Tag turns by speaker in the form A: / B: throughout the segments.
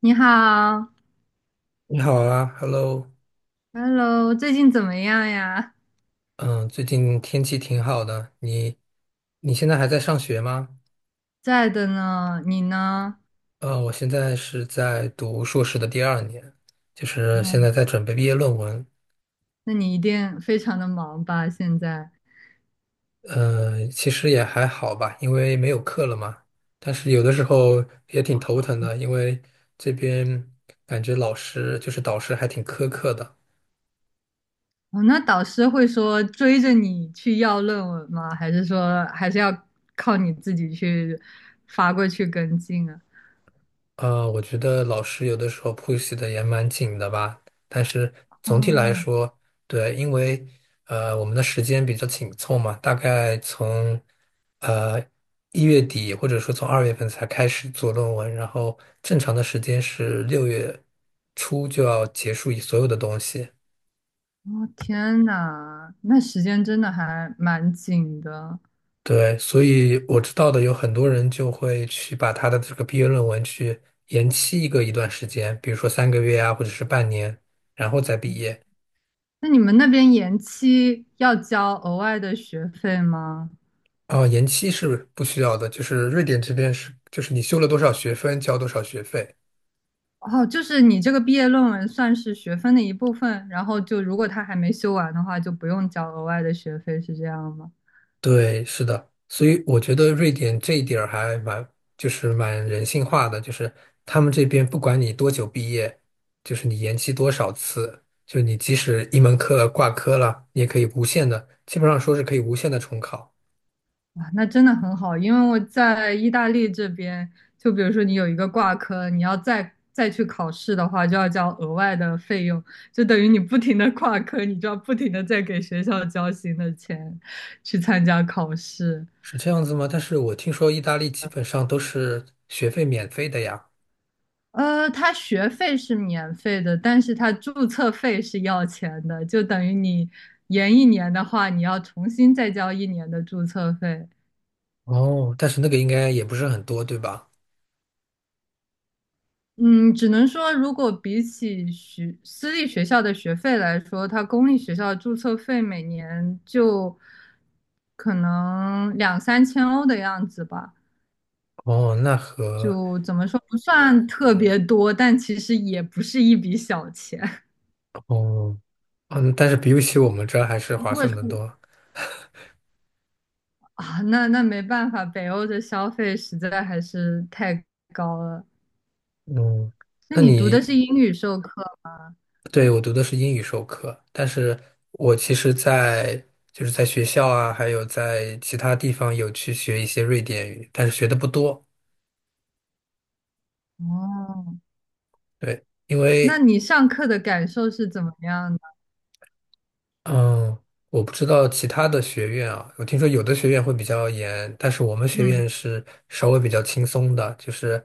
A: 你好
B: 你好啊，Hello，
A: ，Hello，最近怎么样呀？
B: 嗯，最近天气挺好的。你现在还在上学吗？
A: 在的呢，你呢？
B: 我现在是在读硕士的第二年，就是现
A: 哦，
B: 在在准备毕业论文。
A: 那你一定非常的忙吧？现在，
B: 其实也还好吧，因为没有课了嘛。但是有的时候也挺头疼的，因为这边感觉老师就是导师还挺苛刻的。
A: 哦，那导师会说追着你去要论文吗？还是说还是要靠你自己去发过去跟进啊？
B: 我觉得老师有的时候 push 的也蛮紧的吧，但是总体来
A: 哦，
B: 说，对，因为我们的时间比较紧凑嘛，大概从呃1月底或者说从2月份才开始做论文，然后正常的时间是6月初就要结束所有的东西。
A: 哦，天呐，那时间真的还蛮紧的。
B: 对，所以我知道的有很多人就会去把他的这个毕业论文去延期一段时间，比如说3个月啊，或者是半年，然后再毕业。
A: 那你们那边延期要交额外的学费吗？
B: 哦，延期是不需要的，就是瑞典这边是，就是你修了多少学分，交多少学费。
A: 哦，就是你这个毕业论文算是学分的一部分，然后就如果他还没修完的话，就不用交额外的学费，是这样吗？
B: 对，是的，所以我觉得瑞典这一点儿就是蛮人性化的，就是他们这边不管你多久毕业，就是你延期多少次，就是你即使一门课挂科了，你也可以无限的，基本上说是可以无限的重考，
A: 哇，那真的很好，因为我在意大利这边，就比如说你有一个挂科，你要再去考试的话，就要交额外的费用，就等于你不停的挂科，你就要不停的在给学校交新的钱去参加考试。
B: 是这样子吗？但是我听说意大利基本上都是学费免费的呀。
A: 它学费是免费的，但是它注册费是要钱的，就等于你延一年的话，你要重新再交一年的注册费。
B: 哦，但是那个应该也不是很多，对吧？
A: 嗯，只能说，如果比起学私立学校的学费来说，它公立学校的注册费每年就可能两三千欧的样子吧，
B: 哦，
A: 就怎么说不算特别多，但其实也不是一笔小钱。
B: 哦，嗯，但是比起我们这儿还是
A: 如
B: 划
A: 果
B: 算
A: 是。
B: 的多。
A: 啊，那没办法，北欧的消费实在还是太高了。
B: 嗯，
A: 那
B: 那
A: 你读的
B: 你，
A: 是英语授课
B: 对，我读的是英语授课，但是我其实在，就是在学校啊，还有在其他地方有去学一些瑞典语，但是学的不多。
A: 哦？
B: 对，因
A: 那
B: 为
A: 你上课的感受是怎么样的？
B: 嗯，我不知道其他的学院啊，我听说有的学院会比较严，但是我们学
A: 嗯，
B: 院是稍微比较轻松的，就是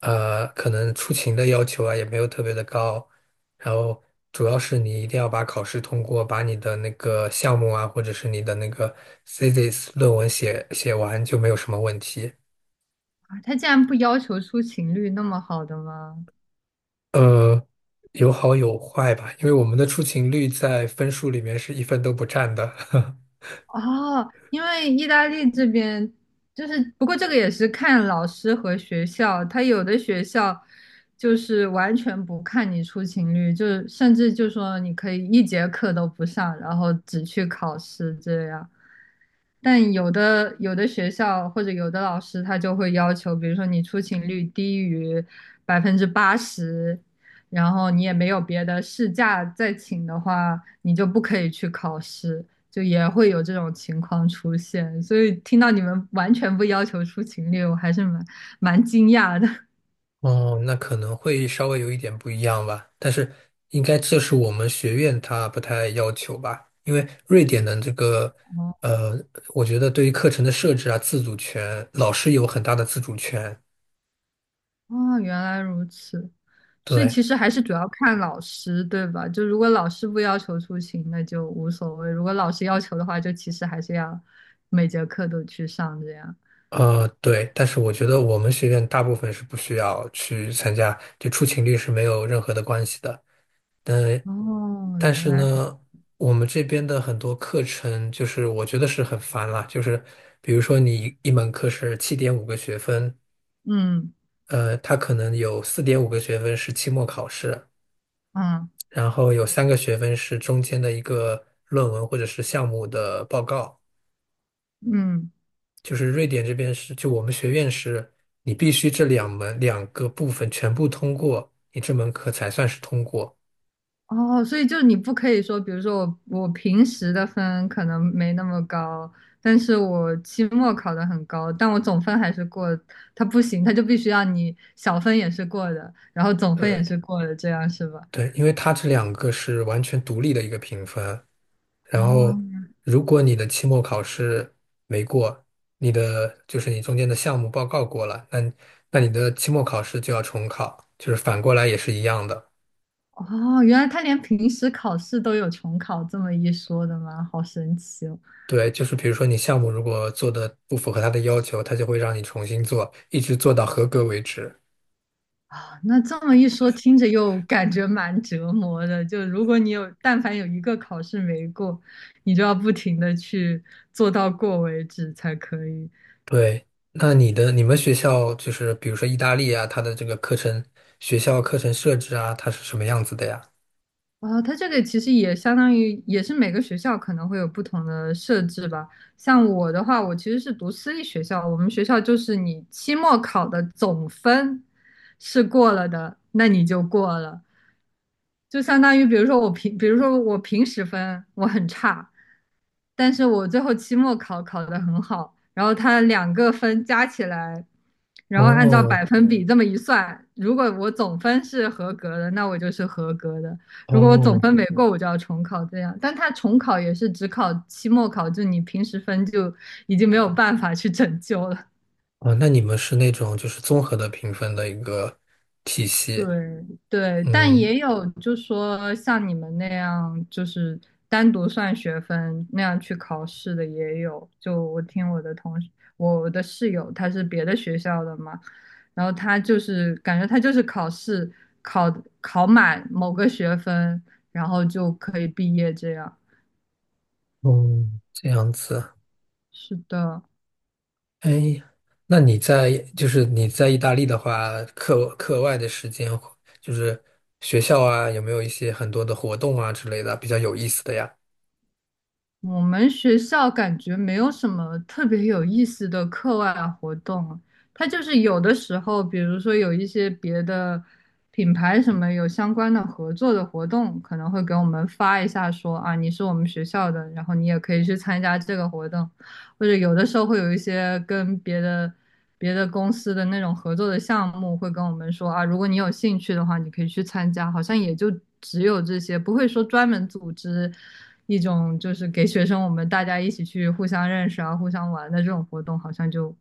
B: 可能出勤的要求啊也没有特别的高，然后主要是你一定要把考试通过，把你的那个项目啊，或者是你的那个 thesis 论文写完就没有什么问题。
A: 啊他竟然不要求出勤率那么好的吗？
B: 呃，有好有坏吧，因为我们的出勤率在分数里面是一分都不占的。
A: 哦，因为意大利这边就是，不过这个也是看老师和学校，他有的学校就是完全不看你出勤率，就是甚至就说你可以一节课都不上，然后只去考试这样。但有的学校或者有的老师他就会要求，比如说你出勤率低于80%，然后你也没有别的事假再请的话，你就不可以去考试。就也会有这种情况出现，所以听到你们完全不要求出勤率，我还是蛮惊讶的。
B: 哦，那可能会稍微有一点不一样吧，但是应该这是我们学院它不太要求吧，因为瑞典的这个，
A: 哦，
B: 呃，我觉得对于课程的设置啊，自主权，老师有很大的自主权。
A: 哦，原来如此，所以
B: 对，
A: 其实还是主要看老师，对吧？就如果老师不要求出勤，那就无所谓；如果老师要求的话，就其实还是要每节课都去上这样。
B: 对，但是我觉得我们学院大部分是不需要去参加，就出勤率是没有任何的关系的。但
A: 哦，
B: 但
A: 原
B: 是
A: 来，
B: 呢，我们这边的很多课程，就是我觉得是很烦啦。就是比如说，你一门课是7.5个学分，
A: 嗯
B: 它可能有4.5个学分是期末考试，
A: 嗯
B: 然后有3个学分是中间的一个论文或者是项目的报告。
A: 嗯。
B: 就是瑞典这边是，就我们学院是，你必须这两门两个部分全部通过，你这门课才算是通过。
A: 哦，所以就是你不可以说，比如说我平时的分可能没那么高，但是我期末考的很高，但我总分还是过，它不行，它就必须要你小分也是过的，然后总分也
B: 对
A: 是过的，这样是吧？
B: 对，因为它这两个是完全独立的一个评分。
A: 哦
B: 然后，如果你的期末考试没过，你的就是你中间的项目报告过了，那你的期末考试就要重考，就是反过来也是一样的。
A: 哦，原来他连平时考试都有重考这么一说的吗？好神奇哦！
B: 对，就是比如说你项目如果做的不符合他的要求，他就会让你重新做，一直做到合格为止。
A: 啊，那这么一说，听着又感觉蛮折磨的。就如果你有，但凡有一个考试没过，你就要不停的去做到过为止才可以。
B: 对，那你的你们学校就是比如说意大利啊，它的这个课程学校课程设置啊，它是什么样子的呀？
A: 啊，它这个其实也相当于也是每个学校可能会有不同的设置吧。像我的话，我其实是读私立学校，我们学校就是你期末考的总分是过了的，那你就过了。就相当于，比如说我平时分我很差，但是我最后期末考考得很好，然后它两个分加起来，然后按照
B: 哦
A: 百分比这么一算，如果我总分是合格的，那我就是合格的；如果我总
B: 哦，
A: 分没过，我就要重考这样。但他重考也是只考期末考，就你平时分就已经没有办法去拯救了。
B: 啊，那你们是那种就是综合的评分的一个体系，
A: 对对，但
B: 嗯
A: 也有就说像你们那样，就是单独算学分那样去考试的也有。就我听我的同事，我的室友他是别的学校的嘛，然后他就是感觉他就是考试考考满某个学分，然后就可以毕业这样。
B: 嗯，这样子。
A: 是的，
B: 哎，那你在就是你在意大利的话，课外的时间就是学校啊，有没有一些很多的活动啊之类的比较有意思的呀？
A: 我们学校感觉没有什么特别有意思的课外活动啊，它就是有的时候，比如说有一些别的品牌什么有相关的合作的活动，可能会给我们发一下说啊，你是我们学校的，然后你也可以去参加这个活动，或者有的时候会有一些跟别的。别的公司的那种合作的项目，会跟我们说啊，如果你有兴趣的话，你可以去参加。好像也就只有这些，不会说专门组织一种就是给学生我们大家一起去互相认识啊、互相玩的这种活动，好像就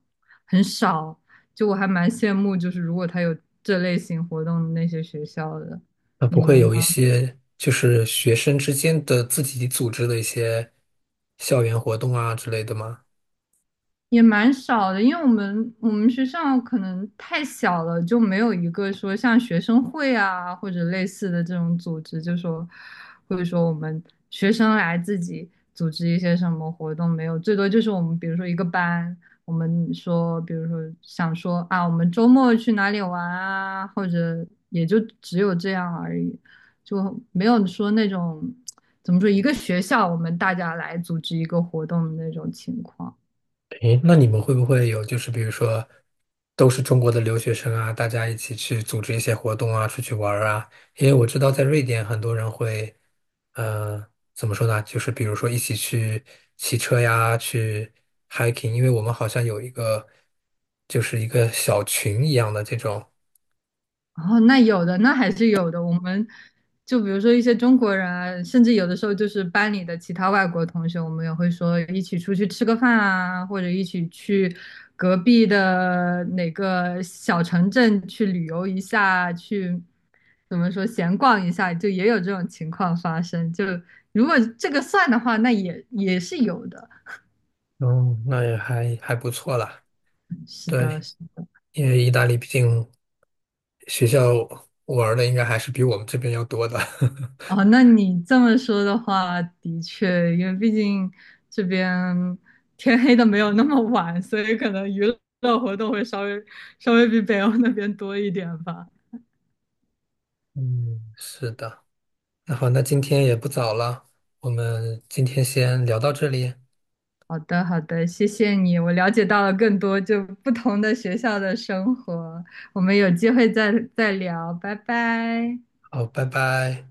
A: 很少。就我还蛮羡慕，就是如果他有这类型活动的那些学校的，
B: 那
A: 你
B: 不会
A: 们
B: 有一些就是学生之间的自己组织的一些校园活动啊之类的吗？
A: 也蛮少的，因为我们学校可能太小了，就没有一个说像学生会啊或者类似的这种组织，就说或者说我们学生来自己组织一些什么活动没有，最多就是我们比如说一个班，我们说比如说想说啊，我们周末去哪里玩啊，或者也就只有这样而已，就没有说那种怎么说一个学校我们大家来组织一个活动的那种情况。
B: 诶，那你们会不会有就是比如说都是中国的留学生啊，大家一起去组织一些活动啊，出去玩儿啊？因为我知道在瑞典很多人会，呃，怎么说呢？就是比如说一起去骑车呀，去 hiking，因为我们好像有一个就是一个小群一样的这种，
A: 哦，那有的，那还是有的。我们就比如说一些中国人啊甚至有的时候就是班里的其他外国同学，我们也会说一起出去吃个饭啊，或者一起去隔壁的哪个小城镇去旅游一下，去怎么说闲逛一下，就也有这种情况发生。就如果这个算的话，那也是有的。
B: 嗯，那也还不错啦。
A: 是的，
B: 对，因为意大利毕竟学校玩儿的应该还是比我们这边要多的。
A: 哦，那你这么说的话，的确，因为毕竟这边天黑的没有那么晚，所以可能娱乐活动会稍微比北欧那边多一点吧。
B: 嗯，是的。那好，那今天也不早了，我们今天先聊到这里，
A: 好的，好的，谢谢你，我了解到了更多就不同的学校的生活，我们有机会再聊，拜拜。
B: 好，拜拜。